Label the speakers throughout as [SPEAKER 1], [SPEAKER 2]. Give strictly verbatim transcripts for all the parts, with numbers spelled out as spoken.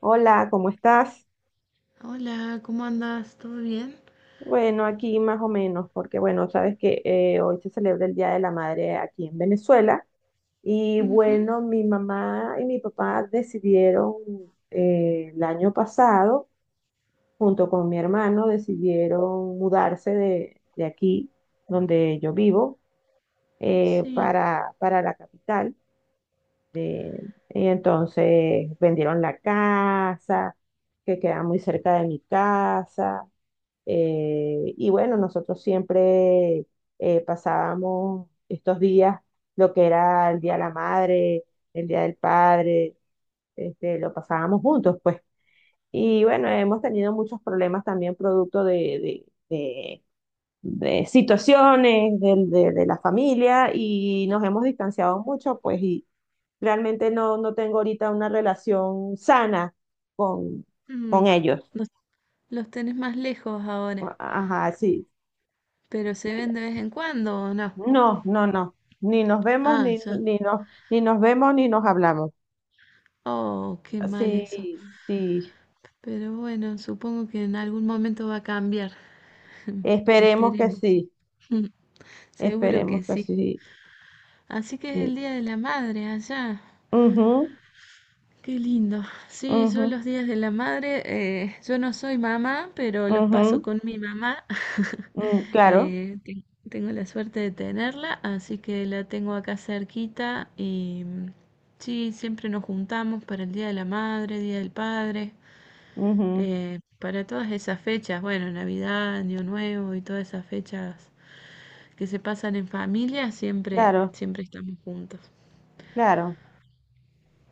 [SPEAKER 1] Hola, ¿cómo estás?
[SPEAKER 2] Hola, ¿cómo andas? ¿Todo bien?
[SPEAKER 1] Bueno, aquí más o menos, porque bueno, sabes que eh, hoy se celebra el Día de la Madre aquí en Venezuela y
[SPEAKER 2] Ujú.
[SPEAKER 1] bueno, mi mamá y mi papá decidieron eh, el año pasado, junto con mi hermano, decidieron mudarse de, de aquí, donde yo vivo, eh,
[SPEAKER 2] Sí.
[SPEAKER 1] para, para la capital. de- y entonces vendieron la casa, que queda muy cerca de mi casa. Eh, y bueno, nosotros siempre eh, pasábamos estos días, lo que era el Día de la Madre, el Día del Padre, este, lo pasábamos juntos, pues. Y bueno, hemos tenido muchos problemas también producto de, de- de- de situaciones del- de, de la familia y nos hemos distanciado mucho, pues, y realmente no, no tengo ahorita una relación sana con,
[SPEAKER 2] Mm.
[SPEAKER 1] con ellos.
[SPEAKER 2] Los, los tenés más lejos ahora,
[SPEAKER 1] Ajá, sí.
[SPEAKER 2] pero se ven de vez en cuando o no.
[SPEAKER 1] No, no, no. Ni nos vemos,
[SPEAKER 2] Ah,
[SPEAKER 1] ni,
[SPEAKER 2] ya.
[SPEAKER 1] ni nos, ni nos vemos, ni nos hablamos.
[SPEAKER 2] Oh, qué mal eso.
[SPEAKER 1] Sí, sí.
[SPEAKER 2] Pero bueno, supongo que en algún momento va a cambiar.
[SPEAKER 1] Esperemos que
[SPEAKER 2] Esperemos.
[SPEAKER 1] sí.
[SPEAKER 2] Seguro
[SPEAKER 1] Esperemos
[SPEAKER 2] que
[SPEAKER 1] que
[SPEAKER 2] sí.
[SPEAKER 1] sí.
[SPEAKER 2] Así que es el
[SPEAKER 1] Sí.
[SPEAKER 2] Día de la Madre allá.
[SPEAKER 1] Ujú,
[SPEAKER 2] Qué lindo. Sí, yo
[SPEAKER 1] ujú,
[SPEAKER 2] los días de la madre, eh, yo no soy mamá, pero los paso
[SPEAKER 1] ujú,
[SPEAKER 2] con mi mamá.
[SPEAKER 1] mm, claro,
[SPEAKER 2] Eh, ten- Tengo la suerte de tenerla, así que la tengo acá cerquita y mm, sí, siempre nos juntamos para el Día de la Madre, Día del Padre,
[SPEAKER 1] ujú,
[SPEAKER 2] eh, para todas esas fechas, bueno, Navidad, Año Nuevo y todas esas fechas que se pasan en familia, siempre,
[SPEAKER 1] claro,
[SPEAKER 2] siempre estamos juntos.
[SPEAKER 1] claro.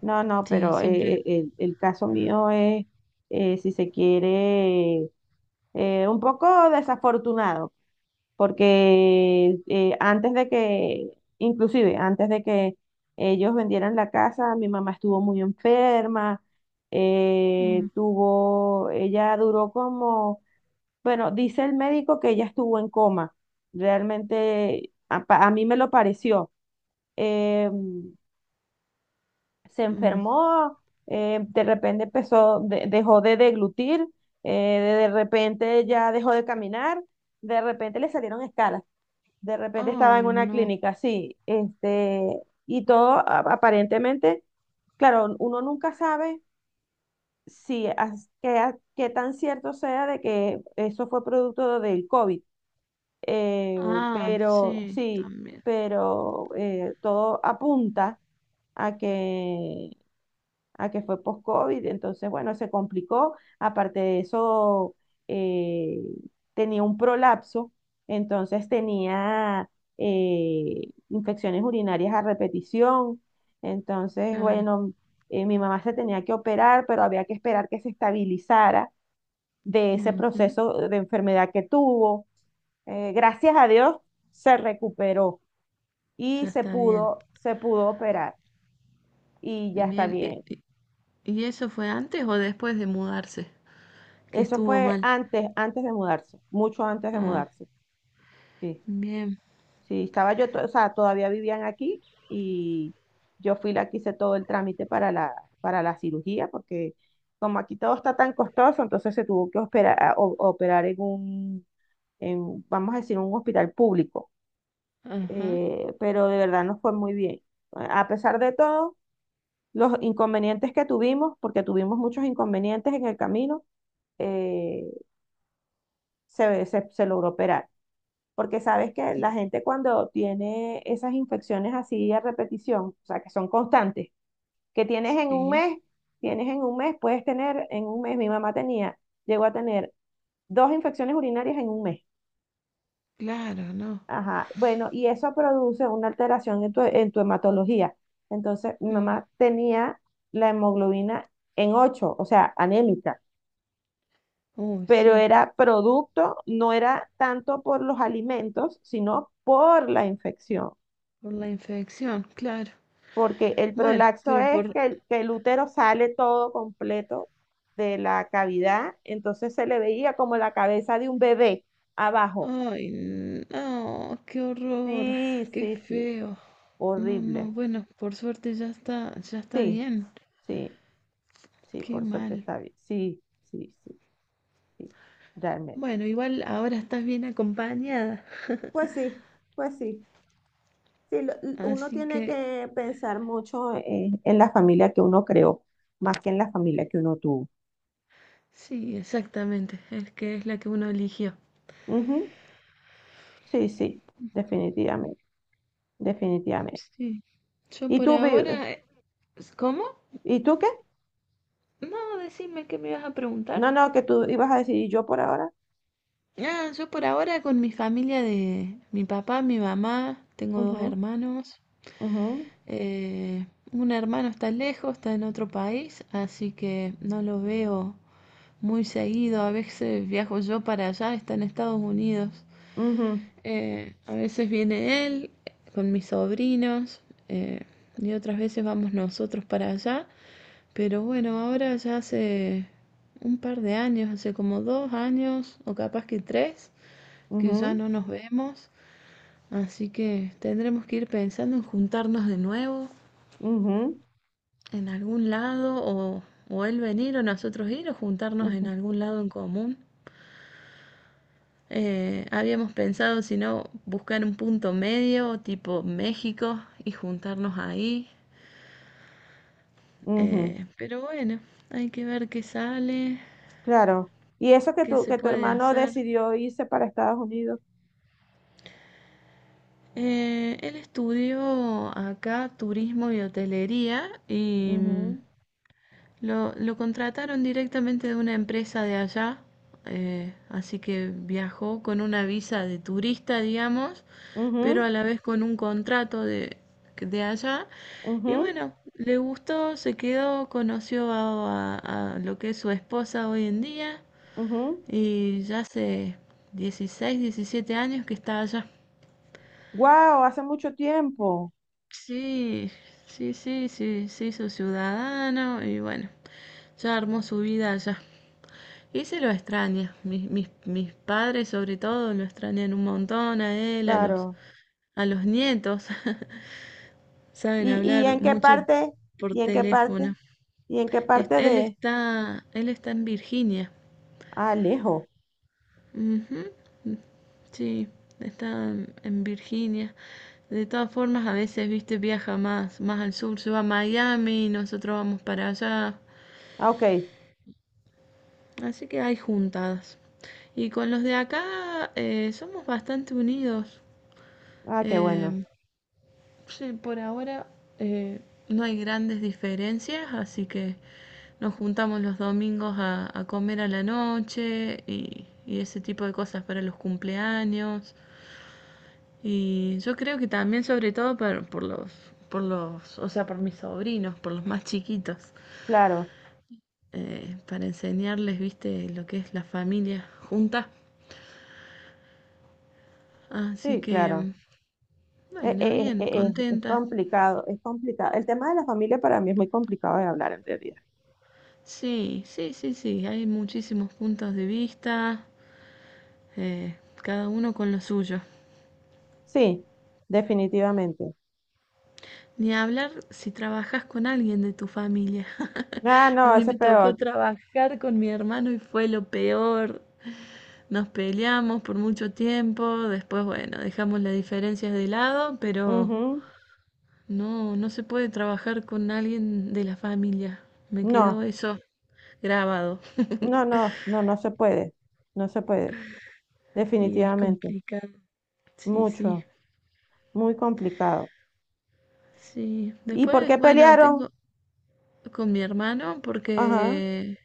[SPEAKER 1] No, no,
[SPEAKER 2] Sí,
[SPEAKER 1] pero eh,
[SPEAKER 2] siempre.
[SPEAKER 1] eh, el, el caso mío es, eh, si se quiere, eh, un poco desafortunado. Porque eh, antes de que, inclusive antes de que ellos vendieran la casa, mi mamá estuvo muy enferma, eh,
[SPEAKER 2] Mm,
[SPEAKER 1] tuvo, ella duró como, bueno, dice el médico que ella estuvo en coma, realmente a, pa- a mí me lo pareció. Eh, Se
[SPEAKER 2] mm.
[SPEAKER 1] enfermó, eh, de repente empezó, de- dejó de deglutir, eh, de de repente ya dejó de caminar, de repente le salieron escalas. De repente
[SPEAKER 2] Oh,
[SPEAKER 1] estaba en una
[SPEAKER 2] no.
[SPEAKER 1] clínica, sí, este, y todo a- aparentemente, claro, uno nunca sabe si as- qué, a- qué tan cierto sea de que eso fue producto del COVID, eh,
[SPEAKER 2] Ah,
[SPEAKER 1] pero
[SPEAKER 2] sí,
[SPEAKER 1] sí,
[SPEAKER 2] también,
[SPEAKER 1] pero eh, todo apunta a que a que fue post-COVID, entonces, bueno, se complicó. Aparte de eso, eh, tenía un prolapso, entonces tenía eh, infecciones urinarias a repetición. Entonces,
[SPEAKER 2] claro.
[SPEAKER 1] bueno, eh, mi mamá se tenía que operar, pero había que esperar que se estabilizara de ese
[SPEAKER 2] Ujú.
[SPEAKER 1] proceso de enfermedad que tuvo. Eh, gracias a Dios se recuperó y
[SPEAKER 2] Ya
[SPEAKER 1] se
[SPEAKER 2] está bien.
[SPEAKER 1] pudo, se pudo operar y ya está
[SPEAKER 2] Bien, ¿y,
[SPEAKER 1] bien.
[SPEAKER 2] y- y- eso fue antes o después de mudarse? Que
[SPEAKER 1] Eso
[SPEAKER 2] estuvo
[SPEAKER 1] fue
[SPEAKER 2] mal.
[SPEAKER 1] antes, antes de mudarse, mucho antes de
[SPEAKER 2] Ah,
[SPEAKER 1] mudarse. Sí,
[SPEAKER 2] bien.
[SPEAKER 1] sí, estaba yo, to- o sea, todavía vivían aquí y yo fui la que hice todo el trámite para la, para la cirugía, porque como aquí todo está tan costoso, entonces se tuvo que operar, operar en un, en, vamos a decir, un hospital público.
[SPEAKER 2] Ajá,
[SPEAKER 1] Eh, pero de verdad nos fue muy bien. A pesar de todo, los inconvenientes que tuvimos, porque tuvimos muchos inconvenientes en el camino, eh, se, se se logró operar. Porque sabes que la gente cuando tiene esas infecciones así a repetición, o sea, que son constantes, que tienes en un
[SPEAKER 2] sí,
[SPEAKER 1] mes, tienes en un mes, puedes tener en un mes, mi mamá tenía, llegó a tener dos infecciones urinarias en un mes.
[SPEAKER 2] claro, no.
[SPEAKER 1] Ajá, bueno, y eso produce una alteración en tu, en tu hematología. Entonces, mi
[SPEAKER 2] Mm.
[SPEAKER 1] mamá tenía la hemoglobina en ocho, o sea, anémica,
[SPEAKER 2] Uy,
[SPEAKER 1] pero
[SPEAKER 2] sí,
[SPEAKER 1] era producto, no era tanto por los alimentos, sino por la infección.
[SPEAKER 2] por la infección, claro.
[SPEAKER 1] Porque el
[SPEAKER 2] Bueno,
[SPEAKER 1] prolapso
[SPEAKER 2] pero
[SPEAKER 1] es
[SPEAKER 2] por...
[SPEAKER 1] que el, que el útero sale todo completo de la cavidad, entonces se le veía como la cabeza de un bebé abajo.
[SPEAKER 2] Ay, no, qué horror,
[SPEAKER 1] Sí,
[SPEAKER 2] qué
[SPEAKER 1] sí, sí,
[SPEAKER 2] feo. No, no,
[SPEAKER 1] horrible.
[SPEAKER 2] bueno, por suerte ya está, ya está
[SPEAKER 1] Sí,
[SPEAKER 2] bien.
[SPEAKER 1] sí, sí,
[SPEAKER 2] Qué
[SPEAKER 1] por suerte
[SPEAKER 2] mal.
[SPEAKER 1] está bien. Sí, sí, sí, sí, realmente.
[SPEAKER 2] Bueno, igual ahora estás bien acompañada,
[SPEAKER 1] Pues sí, pues sí. Sí, lo- l- uno
[SPEAKER 2] así
[SPEAKER 1] tiene
[SPEAKER 2] que
[SPEAKER 1] que pensar mucho eh, en la familia que uno creó, más que en la familia que uno tuvo.
[SPEAKER 2] sí, exactamente, es que es la que uno eligió.
[SPEAKER 1] Ujú. Sí, sí, definitivamente, definitivamente.
[SPEAKER 2] Sí, yo
[SPEAKER 1] ¿Y
[SPEAKER 2] por
[SPEAKER 1] tú, Vi-
[SPEAKER 2] ahora... eh, ¿Cómo?
[SPEAKER 1] ¿y tú qué?
[SPEAKER 2] No, decime qué me ibas a preguntar.
[SPEAKER 1] No, no, que tú ibas a decir, ¿y yo por ahora?
[SPEAKER 2] Ah, yo por ahora con mi familia de mi papá, mi mamá, tengo dos
[SPEAKER 1] Ujú,
[SPEAKER 2] hermanos.
[SPEAKER 1] ujú,
[SPEAKER 2] Eh, un hermano está lejos, está en otro país, así que no lo veo muy seguido. A veces viajo yo para allá, está en Estados Unidos.
[SPEAKER 1] ujú,
[SPEAKER 2] Eh, a veces viene él con mis sobrinos eh, y otras veces vamos nosotros para allá. Pero bueno, ahora ya hace un par de años, hace como dos años o capaz que tres, que ya
[SPEAKER 1] ujú,
[SPEAKER 2] no nos vemos. Así que tendremos que ir pensando en juntarnos de nuevo
[SPEAKER 1] ujú,
[SPEAKER 2] en algún lado o, o él venir o nosotros ir o juntarnos en
[SPEAKER 1] ujú,
[SPEAKER 2] algún lado en común. Eh, habíamos pensado, si no, buscar un punto medio, tipo México, y juntarnos ahí.
[SPEAKER 1] ujú.
[SPEAKER 2] Eh, pero bueno, hay que ver qué sale,
[SPEAKER 1] Claro. Y eso que
[SPEAKER 2] qué
[SPEAKER 1] tu,
[SPEAKER 2] se
[SPEAKER 1] que tu
[SPEAKER 2] puede
[SPEAKER 1] hermano
[SPEAKER 2] hacer.
[SPEAKER 1] decidió irse para Estados Unidos.
[SPEAKER 2] Eh, él estudió acá turismo y hotelería y mm,
[SPEAKER 1] Ujú,
[SPEAKER 2] Lo, lo contrataron directamente de una empresa de allá, eh, así que viajó con una visa de turista, digamos, pero
[SPEAKER 1] ujú,
[SPEAKER 2] a la vez con un contrato de, de allá. Y
[SPEAKER 1] ujú,
[SPEAKER 2] bueno, le gustó, se quedó, conoció a, a- a lo que es su esposa hoy en día
[SPEAKER 1] ujú.
[SPEAKER 2] y ya hace dieciséis, diecisiete años que está allá.
[SPEAKER 1] Guau, hace mucho tiempo.
[SPEAKER 2] Sí, sí, sí, sí, se hizo ciudadano y bueno, ya armó su vida allá. Y se lo extraña. Mis, mis, mis padres sobre todo lo extrañan un montón a él, a los,
[SPEAKER 1] Claro.
[SPEAKER 2] a los nietos. Saben
[SPEAKER 1] ¿Y, y
[SPEAKER 2] hablar
[SPEAKER 1] en qué
[SPEAKER 2] mucho
[SPEAKER 1] parte?
[SPEAKER 2] por
[SPEAKER 1] ¿Y en qué parte?
[SPEAKER 2] teléfono.
[SPEAKER 1] ¿Y en qué
[SPEAKER 2] Est-
[SPEAKER 1] parte
[SPEAKER 2] Él
[SPEAKER 1] de...
[SPEAKER 2] está, él está en Virginia.
[SPEAKER 1] Ah, lejos.
[SPEAKER 2] Ujú. Sí, está en Virginia. De todas formas, a veces, viste, viaja más, más al sur, se va a Miami, nosotros vamos para allá.
[SPEAKER 1] Ah, ok.
[SPEAKER 2] Así que hay juntadas. Y con los de acá eh, somos bastante unidos.
[SPEAKER 1] Ah, qué bueno.
[SPEAKER 2] Eh, Sí, por ahora eh, no hay grandes diferencias, así que nos juntamos los domingos a, a comer a la noche y, y ese tipo de cosas para los cumpleaños. Y yo creo que también, sobre todo por, por los, por los, o sea, por mis sobrinos, por los más chiquitos,
[SPEAKER 1] Claro.
[SPEAKER 2] eh, para enseñarles, viste, lo que es la familia junta. Así
[SPEAKER 1] Sí, claro.
[SPEAKER 2] que,
[SPEAKER 1] Eh,
[SPEAKER 2] bueno,
[SPEAKER 1] eh,
[SPEAKER 2] bien,
[SPEAKER 1] eh, eh, es
[SPEAKER 2] contenta.
[SPEAKER 1] complicado, es complicado. El tema de la familia para mí es muy complicado de hablar en realidad.
[SPEAKER 2] Sí, sí, sí, sí, hay muchísimos puntos de vista. Eh, Cada uno con lo suyo.
[SPEAKER 1] Sí, definitivamente.
[SPEAKER 2] Ni hablar si trabajas con alguien de tu familia.
[SPEAKER 1] Ah,
[SPEAKER 2] A
[SPEAKER 1] no,
[SPEAKER 2] mí
[SPEAKER 1] ese es
[SPEAKER 2] me tocó
[SPEAKER 1] peor.
[SPEAKER 2] trabajar con mi hermano y fue lo peor. Nos peleamos por mucho tiempo, después, bueno, dejamos las diferencias de lado, pero
[SPEAKER 1] Ujú.
[SPEAKER 2] no, no se puede trabajar con alguien de la familia. Me quedó
[SPEAKER 1] No,
[SPEAKER 2] eso grabado.
[SPEAKER 1] no, no, no, no se puede. No se puede,
[SPEAKER 2] Y es
[SPEAKER 1] definitivamente.
[SPEAKER 2] complicado. Sí, sí,
[SPEAKER 1] Mucho, muy complicado.
[SPEAKER 2] sí.
[SPEAKER 1] ¿Y por
[SPEAKER 2] Después,
[SPEAKER 1] qué
[SPEAKER 2] bueno,
[SPEAKER 1] pelearon?
[SPEAKER 2] tengo, con mi hermano
[SPEAKER 1] Ajá.
[SPEAKER 2] porque...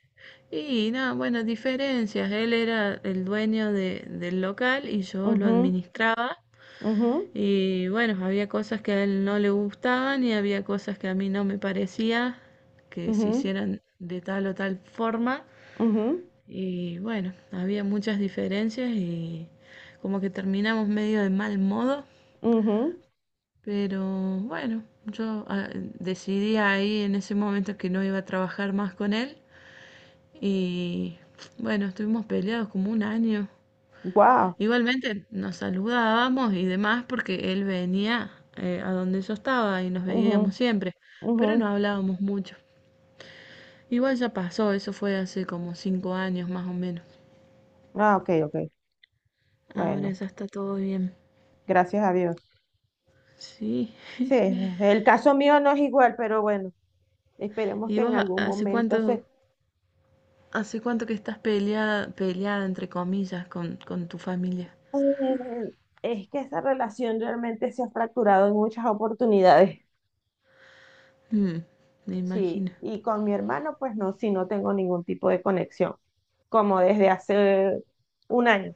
[SPEAKER 2] Y nada, bueno, diferencias. Él era el dueño de- del local y yo lo
[SPEAKER 1] Mhm.
[SPEAKER 2] administraba.
[SPEAKER 1] Mhm.
[SPEAKER 2] Y bueno, había cosas que a él no le gustaban y había cosas que a mí no me parecía que se
[SPEAKER 1] Mhm.
[SPEAKER 2] hicieran de tal o tal forma.
[SPEAKER 1] Mhm.
[SPEAKER 2] Y bueno, había muchas diferencias y como que terminamos medio de mal modo.
[SPEAKER 1] Mhm.
[SPEAKER 2] Pero bueno, yo ah, decidí ahí en ese momento que no iba a trabajar más con él. Y bueno, estuvimos peleados como un año.
[SPEAKER 1] Wow.
[SPEAKER 2] Igualmente nos saludábamos y demás porque él venía eh, a donde yo estaba y nos
[SPEAKER 1] Mhm.
[SPEAKER 2] veíamos siempre, pero no
[SPEAKER 1] Mhm.
[SPEAKER 2] hablábamos mucho. Igual ya pasó, eso fue hace como cinco años más o menos.
[SPEAKER 1] Ah, ok, ok.
[SPEAKER 2] Ahora
[SPEAKER 1] Bueno,
[SPEAKER 2] ya está todo bien.
[SPEAKER 1] gracias a Dios.
[SPEAKER 2] Sí.
[SPEAKER 1] Sí, el caso mío no es igual, pero bueno, esperemos
[SPEAKER 2] ¿Y
[SPEAKER 1] que en
[SPEAKER 2] vos ha-
[SPEAKER 1] algún
[SPEAKER 2] hace
[SPEAKER 1] momento
[SPEAKER 2] cuánto,
[SPEAKER 1] se...
[SPEAKER 2] hace cuánto que estás peleada, peleada entre comillas con, con tu familia?
[SPEAKER 1] Eh, es que esa relación realmente se ha fracturado en muchas oportunidades.
[SPEAKER 2] Mm, me imagino.
[SPEAKER 1] Sí, y con mi hermano, pues no, sí, no tengo ningún tipo de conexión, como desde hace un año.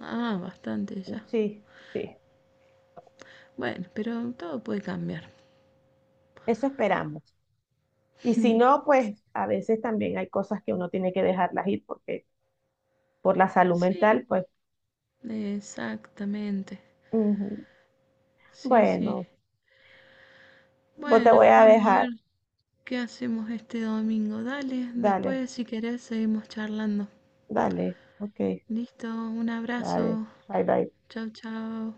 [SPEAKER 2] Ah, bastante ya.
[SPEAKER 1] Sí, sí,
[SPEAKER 2] Bueno, pero todo puede cambiar.
[SPEAKER 1] eso esperamos. Y si no, pues a veces también hay cosas que uno tiene que dejarlas ir porque por la salud
[SPEAKER 2] Sí,
[SPEAKER 1] mental, pues
[SPEAKER 2] exactamente.
[SPEAKER 1] ujú.
[SPEAKER 2] Sí, sí.
[SPEAKER 1] Bueno, vos te voy
[SPEAKER 2] Bueno,
[SPEAKER 1] a
[SPEAKER 2] vamos a ver
[SPEAKER 1] dejar.
[SPEAKER 2] qué hacemos este domingo. Dale,
[SPEAKER 1] Dale,
[SPEAKER 2] después si querés seguimos charlando.
[SPEAKER 1] dale, ok.
[SPEAKER 2] Listo, un abrazo.
[SPEAKER 1] Vale, bye bye.
[SPEAKER 2] Chau, chau.